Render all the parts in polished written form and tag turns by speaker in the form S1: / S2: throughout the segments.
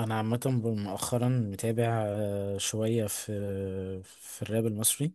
S1: انا عامه مؤخرا متابع شويه في الراب المصري.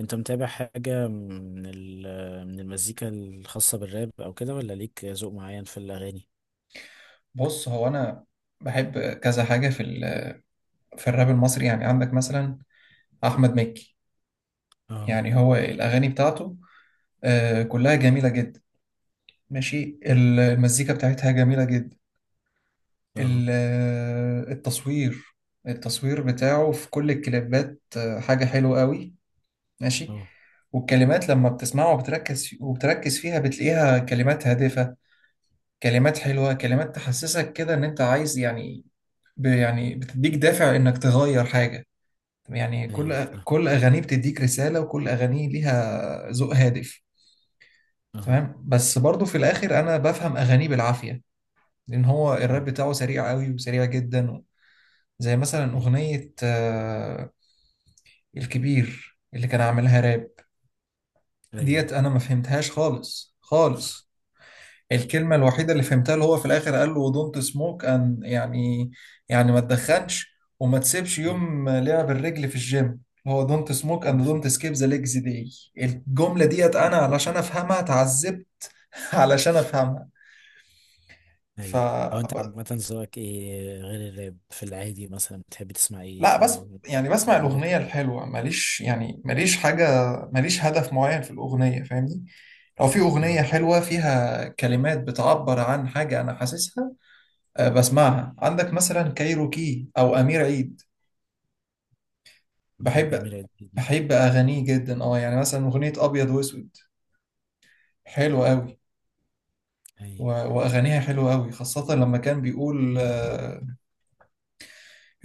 S1: انت متابع حاجه من المزيكا الخاصه بالراب او كده، ولا ليك ذوق معين في الاغاني؟
S2: بص، هو انا بحب كذا حاجه في في الراب المصري. يعني عندك مثلا احمد مكي.
S1: اه.
S2: يعني هو الاغاني بتاعته كلها جميله جدا، ماشي. المزيكا بتاعتها جميله جدا.
S1: اه.
S2: التصوير، التصوير بتاعه في كل الكليبات حاجه حلوه قوي، ماشي.
S1: اه.
S2: والكلمات لما بتسمعها وبتركز فيها بتلاقيها كلمات هادفه، كلمات حلوه، كلمات تحسسك كده ان انت عايز، يعني يعني بتديك دافع انك تغير حاجه. يعني
S1: ايوه
S2: كل
S1: فاهم.
S2: كل اغانيه بتديك رساله، وكل اغانيه ليها ذوق هادف.
S1: اه.
S2: تمام، بس برضو في الاخر انا بفهم اغانيه بالعافيه، لان هو الراب
S1: مم.
S2: بتاعه سريع قوي وسريع جدا. زي مثلا
S1: ايوه.
S2: اغنيه الكبير اللي كان عاملها راب.
S1: ايوه.
S2: ديت انا ما فهمتهاش خالص خالص. الكلمة الوحيدة اللي فهمتها اللي هو في الآخر قال له دونت سموك أن، يعني يعني ما تدخنش وما تسيبش
S1: ايوه.
S2: يوم لعب الرجل في الجيم، اللي هو دونت سموك أند دونت سكيب ذا ليجز داي. الجملة ديت أنا علشان أفهمها اتعذبت. علشان أفهمها. ف
S1: ايوه. هو انت
S2: ب-
S1: عامه ذوقك ايه غير الراب؟ في العادي مثلا بتحب تسمع ايه
S2: لا
S1: في...
S2: بس يعني بسمع
S1: عمرو
S2: الأغنية
S1: دياب.
S2: الحلوة، ماليش يعني ماليش حاجة، ماليش هدف معين في الأغنية، فاهمني؟ لو في
S1: اه،
S2: أغنية حلوة فيها كلمات بتعبر عن حاجة أنا حاسسها، بسمعها. عندك مثلا كايروكي او امير عيد.
S1: بحب
S2: بحب،
S1: امير عيد جدا.
S2: بحب اغانيه جدا. اه يعني مثلا اغنيه ابيض واسود حلوه قوي. و-
S1: ايوه.
S2: واغانيها حلوه قوي، خاصه لما كان بيقول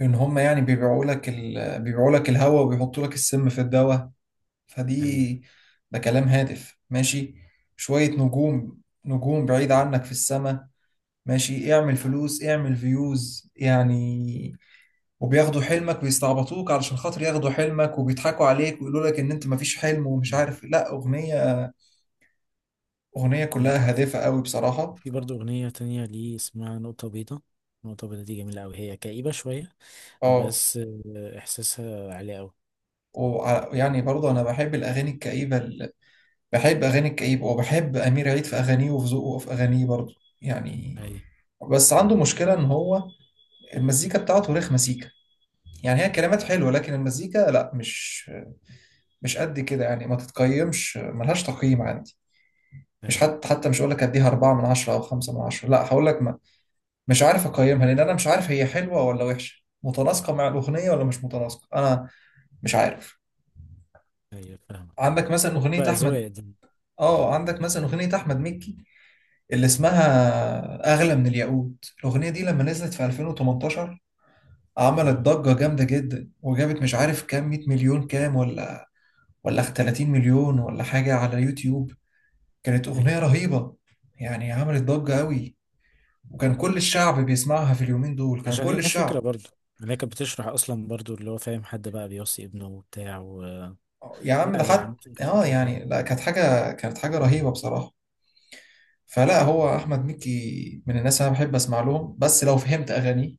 S2: ان هم يعني بيبيعوا لك بيبيعوا لك الهوا وبيحطوا لك السم في الدواء.
S1: ايوه.
S2: فدي، ده كلام هادف، ماشي. شويه نجوم، نجوم بعيد عنك في السماء، ماشي. اعمل فلوس، اعمل فيوز، يعني. وبياخدوا حلمك ويستعبطوك علشان خاطر ياخدوا حلمك، وبيضحكوا عليك ويقولوا لك ان انت مفيش حلم ومش
S1: مم.
S2: عارف إيه. لا، اغنية
S1: هي
S2: كلها
S1: تحفة.
S2: هادفة قوي، بصراحة.
S1: في برضه أغنية تانية ليه اسمها نقطة بيضاء. نقطة بيضاء دي جميلة أوي، هي كئيبة شوية.
S2: اه.
S1: بس إحساسها عالي أوي.
S2: ويعني برضه انا بحب الاغاني الكئيبة. بحب اغاني الكئيبة، وبحب امير عيد في اغانيه وفي ذوقه في اغانيه برضه، يعني.
S1: أيوة.
S2: بس عنده مشكلة ان هو المزيكا بتاعته رخمة سيكا. يعني هي كلمات حلوة، لكن المزيكا لا، مش قد كده يعني، ما تتقيمش، ملهاش تقييم عندي. مش
S1: أيوة.
S2: حتى مش هقول لك اديها أربعة من عشرة أو خمسة من عشرة، لا هقول لك مش عارف اقيمها، لان انا مش عارف هي حلوه ولا وحشه، متناسقه مع الاغنيه ولا مش متناسقه، انا مش عارف.
S1: أيوة، فاهمك.
S2: عندك مثلا اغنيه
S1: بقى
S2: احمد،
S1: أذواق دي.
S2: اه عندك مثلا اغنيه احمد مكي اللي اسمها اغلى من الياقوت. الاغنيه دي لما نزلت في 2018 عملت
S1: أه.
S2: ضجه جامده جدا، وجابت مش عارف كام، 100 مليون كام، ولا ولا 30 مليون ولا حاجه على يوتيوب. كانت اغنيه
S1: أيوة،
S2: رهيبه يعني، عملت ضجه قوي، وكان كل الشعب بيسمعها في اليومين دول، كان
S1: عشان
S2: كل
S1: هي فكرة
S2: الشعب.
S1: برضه. يعني هي كانت بتشرح أصلا برضه، اللي هو فاهم، حد بقى بيوصي ابنه وبتاع و...
S2: يا عم
S1: لا،
S2: ده
S1: هي
S2: حد.
S1: عامة كانت
S2: اه
S1: فكرة حلوة.
S2: يعني، لا كانت حاجة، كانت حاجة رهيبة بصراحة. فلا، هو أحمد مكي من الناس أنا بحب أسمع لهم، بس لو فهمت أغانيه.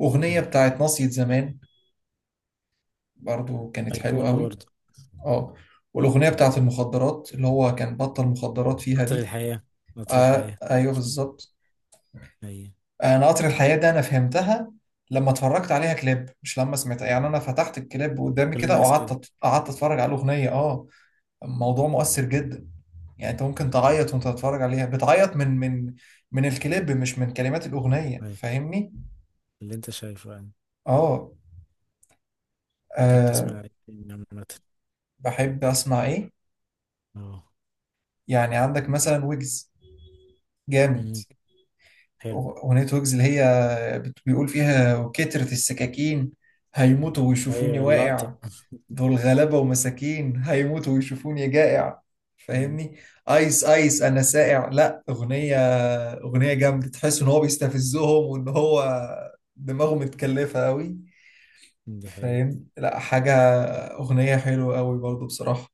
S2: أغنية
S1: أيوة،
S2: بتاعت ناصية زمان برضو كانت حلوة
S1: أيقونة
S2: قوي.
S1: برضه.
S2: اه. والأغنية بتاعت المخدرات اللي هو كان بطل مخدرات فيها
S1: قطر
S2: دي،
S1: الحياة. قطر
S2: آه
S1: الحياة.
S2: أيوه بالظبط.
S1: أيوة.
S2: أنا قطر الحياة ده أنا فهمتها لما اتفرجت عليها كليب، مش لما سمعتها، يعني أنا فتحت الكليب قدامي
S1: كل
S2: كده
S1: الناس كده.
S2: وقعدت قعدت أتفرج على الأغنية. اه، الموضوع مؤثر جدا. يعني انت ممكن تعيط وانت تتفرج عليها، بتعيط من من الكليب مش من كلمات الأغنية،
S1: أيوة،
S2: فاهمني؟
S1: اللي أنت شايفه يعني.
S2: اه.
S1: أنت
S2: آه،
S1: بتسمع إيه عامة؟
S2: بحب اسمع ايه؟
S1: أه.
S2: يعني عندك مثلا ويجز، جامد.
S1: أمم، حلو.
S2: أغنية ويجز اللي هي بيقول فيها وكترة السكاكين هيموتوا ويشوفوني
S1: ايوه، اللقطة.
S2: واقع، دول غلابة ومساكين هيموتوا ويشوفوني جائع،
S1: مم،
S2: فاهمني؟ ايس ايس انا سائع. لا، اغنية، اغنية جامدة، تحس ان هو بيستفزهم وان هو دماغه متكلفة قوي،
S1: دي حقيقي.
S2: فاهم؟ لا حاجة، اغنية حلوة قوي برضو بصراحة.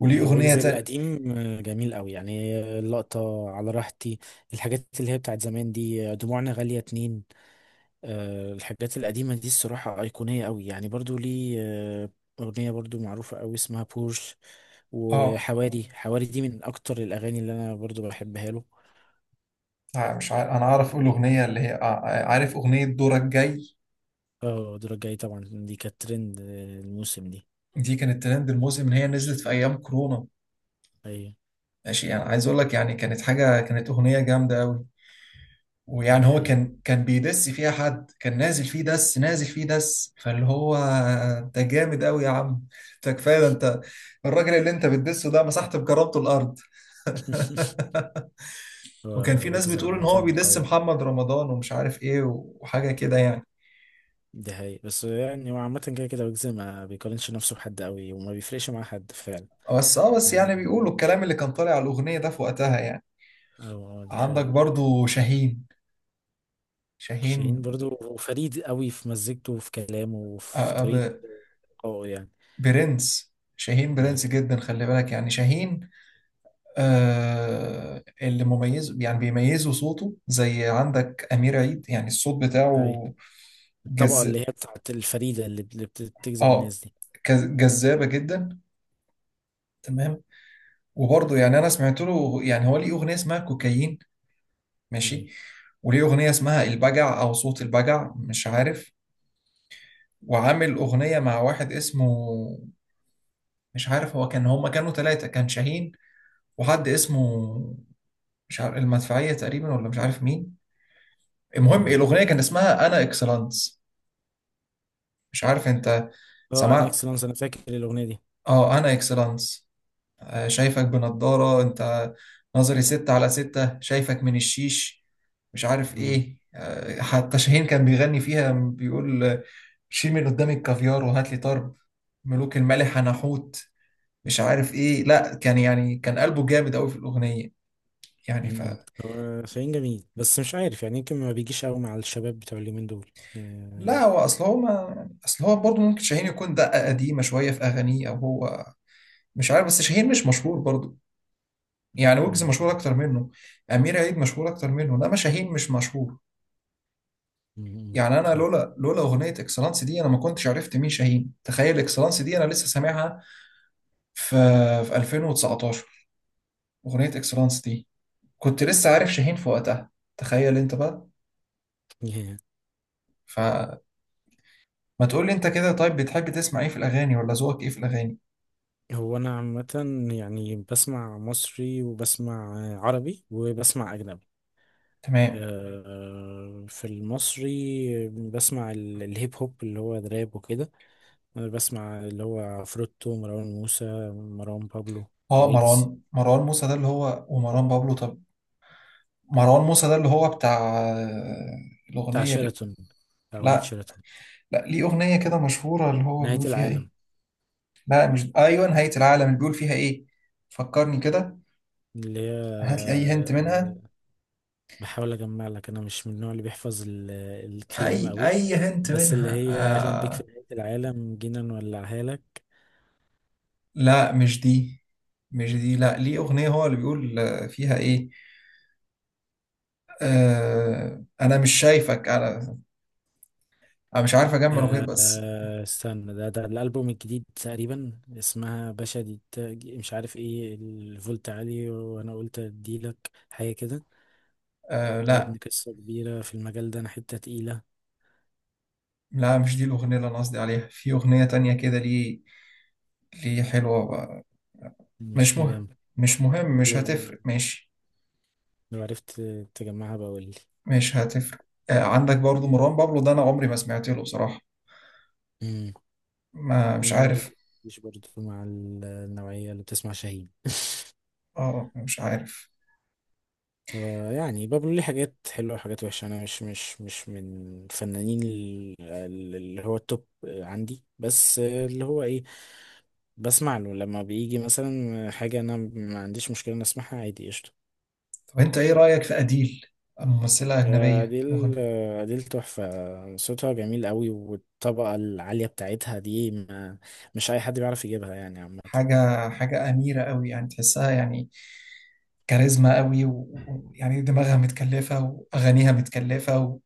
S2: وليه اغنية
S1: ويجز
S2: تانية،
S1: القديم جميل قوي يعني. اللقطة على راحتي. الحاجات اللي هي بتاعت زمان دي، دموعنا غالية اتنين. الحاجات القديمة دي الصراحة أيقونية قوي يعني، برضو ليه أغنية برضو معروفة قوي اسمها بورش.
S2: اه
S1: وحواري حواري دي من أكتر الأغاني اللي أنا برضو بحبها له.
S2: مش عارف، انا عارف اقول اغنية اللي هي عارف اغنية دورك جاي.
S1: اه، الدرجة الجاية طبعا دي كانت ترند الموسم دي.
S2: دي كانت ترند الموسم، اللي هي نزلت في ايام كورونا،
S1: أيوة،
S2: ماشي، يعني عايز اقول لك يعني كانت حاجه، كانت اغنيه جامده قوي. ويعني
S1: دي
S2: هو
S1: حقيقة.
S2: كان بيدس فيها حد، كان نازل فيه دس، نازل فيه دس، فاللي هو، انت جامد قوي يا عم، انت كفايه ده، انت الراجل اللي انت بتدسه ده مسحت بجربته الارض.
S1: هو
S2: وكان في ناس
S1: ويجز
S2: بتقول ان هو
S1: عامة
S2: بيدس
S1: قوي.
S2: محمد رمضان ومش عارف ايه وحاجه كده، يعني.
S1: دي حقيقة، بس يعني هو عامة كده كده، ويجز ما بيقارنش نفسه بحد قوي وما بيفرقش مع حد فعلا.
S2: بس اه، بس يعني
S1: يعني.
S2: بيقولوا الكلام اللي كان طالع على الاغنيه ده في وقتها، يعني.
S1: اه. دي
S2: عندك
S1: حقيقة.
S2: برضو شاهين،
S1: شاهين
S2: شاهين.
S1: برضو فريد قوي في مزجته وفي كلامه وفي طريقة. اه يعني.
S2: برنس، شاهين
S1: اي.
S2: برنس جدا، خلي بالك، يعني شاهين. آه اللي مميز يعني بيميزه صوته، زي عندك أمير عيد، يعني الصوت
S1: اي.
S2: بتاعه
S1: الطبقة
S2: جز،
S1: اللي هي بتاعت الفريدة بتجذب
S2: اه
S1: الناس دي.
S2: جذابة جدا، تمام. وبرضه يعني أنا سمعت له، يعني هو ليه أغنية اسمها كوكايين،
S1: اي.
S2: ماشي. وليه أغنية اسمها البجع أو صوت البجع، مش عارف. وعامل أغنية مع واحد اسمه، مش عارف، هو كان، هما كانوا ثلاثة، كان شاهين وحد اسمه، مش عارف، المدفعية تقريبا ولا مش عارف مين. المهم
S1: اه.
S2: الأغنية كان اسمها أنا إكسلانس، مش عارف أنت
S1: اه، انا
S2: سمعت.
S1: اكسلانس. انا فاكر الأغنية دي.
S2: أه أنا إكسلانس، شايفك بنضارة أنت، نظري ستة على ستة، شايفك من الشيش، مش عارف
S1: مم.
S2: إيه. حتى شاهين كان بيغني فيها، بيقول شيل من قدامي الكافيار وهات لي طرب، ملوك المالح أنا حوت، مش عارف إيه. لا كان يعني كان قلبه جامد أوي في الأغنية، يعني.
S1: مم. هو شاهين جميل، بس مش عارف، يعني يمكن ما بيجيش قوي مع الشباب بتوع اليومين دول.
S2: لا هو اصل هو، ما اصل هو برضه ممكن شاهين يكون دقة قديمة شوية في اغانيه، او هو مش عارف. بس شاهين مش مشهور برضه، يعني ويجز
S1: مم.
S2: مشهور اكتر منه، امير عيد مشهور اكتر منه، انما شاهين مش مشهور.
S1: مم.
S2: يعني انا
S1: فاهم.
S2: لولا اغنية اكسلانس دي انا ما كنتش عرفت مين شاهين، تخيل. اكسلانس دي انا لسه سامعها في في 2019، اغنية اكسلانس دي كنت لسه عارف شاهين في وقتها، تخيل انت بقى. فما تقول لي انت كده، طيب بتحب تسمع ايه في الاغاني، ولا ذوقك ايه في الاغاني؟
S1: هو انا عامه يعني بسمع مصري، وبسمع عربي، وبسمع اجنبي.
S2: تمام.
S1: في المصري بسمع الهيب هوب اللي هو دراب وكده. أنا بسمع اللي هو عفروتو، مروان موسى، مروان بابلو،
S2: اه
S1: ويجز.
S2: مروان، مروان موسى ده اللي هو ومروان بابلو، طب مروان موسى ده اللي هو بتاع الأغنية اللي،
S1: بتاع اغنية
S2: لا
S1: شيراتون.
S2: لا، ليه أغنية كده مشهورة اللي هو
S1: نهاية
S2: بيقول فيها إيه.
S1: العالم
S2: لا مش، أيوة نهاية العالم، اللي بيقول فيها إيه، فكرني كده،
S1: اللي هي
S2: هات لي أي هنت منها.
S1: بحاول اجمع لك، انا مش من النوع اللي بيحفظ الكلام
S2: أي
S1: قوي.
S2: أي هنت
S1: بس اللي
S2: منها،
S1: هي "اهلا بيك
S2: آه.
S1: في نهاية العالم، جينا نولعها لك".
S2: لا مش دي، مش دي، لا ليه أغنية هو اللي بيقول فيها إيه، أنا مش شايفك أنا، أنا مش عارف أجمع الأغنية بس.
S1: استنى، ده الألبوم الجديد تقريبا، اسمها باشا دي، مش عارف ايه، الفولت عالي، وانا قلت اديلك حاجة كده.
S2: آه
S1: يا
S2: لا
S1: ابني قصة كبيرة في المجال ده، انا حتة تقيلة.
S2: لا مش دي الأغنية اللي أنا قصدي عليها، في أغنية تانية كده، ليه، ليه حلوة بقى. مش
S1: مش
S2: مهم،
S1: مجمع.
S2: مش مهم، مش
S1: لو
S2: هتفرق ماشي،
S1: لو عرفت تجمعها بقولي.
S2: مش هتفرق. آه عندك برضو مروان بابلو ده أنا عمري ما سمعت له بصراحة،
S1: امم
S2: ما مش
S1: عمران
S2: عارف،
S1: مش برضه مع النوعية اللي بتسمع شاهين.
S2: اه مش عارف.
S1: هو يعني بابلو ليه حاجات حلوة وحاجات وحشة، أنا مش من الفنانين اللي هو التوب عندي، بس اللي هو إيه، بسمع له لما بيجي مثلا حاجة. أنا ما عنديش مشكلة إن أسمعها عادي، قشطة.
S2: طب أنت إيه رأيك في أديل، ممثلة أجنبية
S1: أديل.
S2: مغنية؟
S1: أديل تحفة، صوتها جميل قوي، والطبقة العالية بتاعتها دي ما مش أي حد بيعرف يجيبها يعني عامة.
S2: حاجة، حاجة أميرة قوي يعني، تحسها يعني كاريزما قوي، ويعني دماغها متكلفة وأغانيها متكلفة،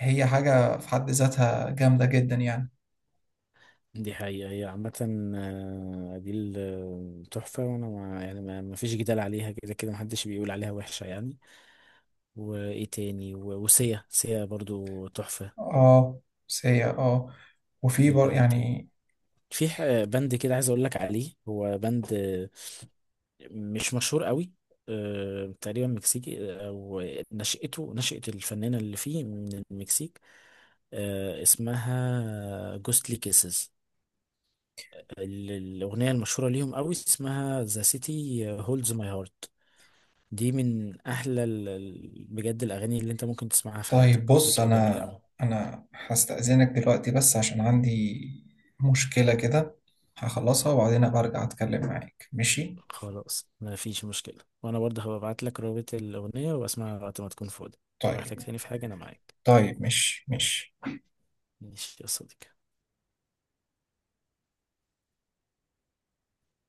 S2: وهي حاجة في حد ذاتها جامدة جدا، يعني.
S1: دي حقيقة، هي عامة أديل تحفة، وأنا ما يعني ما ما فيش جدال عليها، كده كده محدش بيقول عليها وحشة يعني. وإيه تاني، وسيا. سيا برضو تحفة.
S2: اه، سيئة اه. وفي بر،
S1: مين تاني؟
S2: يعني.
S1: في بند كده عايز أقول لك عليه، هو بند مش مشهور قوي. تقريبا مكسيكي، أو نشأته، نشأة الفنانة اللي فيه، من المكسيك. اسمها جوستلي كيسز. الأغنية المشهورة ليهم قوي اسمها ذا سيتي هولدز ماي هارت. دي من أحلى بجد الأغاني اللي أنت ممكن تسمعها في حياتك،
S2: طيب بص،
S1: صوتها جميل
S2: انا
S1: قوي.
S2: انا هستأذنك دلوقتي، بس عشان عندي مشكلة كده، هخلصها وبعدين ابقى ارجع اتكلم معاك، ماشي؟
S1: خلاص، ما فيش مشكلة، وأنا برضه هبعت لك رابط الأغنية وأسمعها وقت ما تكون فاضي. ولو
S2: طيب،
S1: احتجتني في حاجة أنا معاك.
S2: طيب، ماشي ماشي.
S1: ماشي يا صديقي.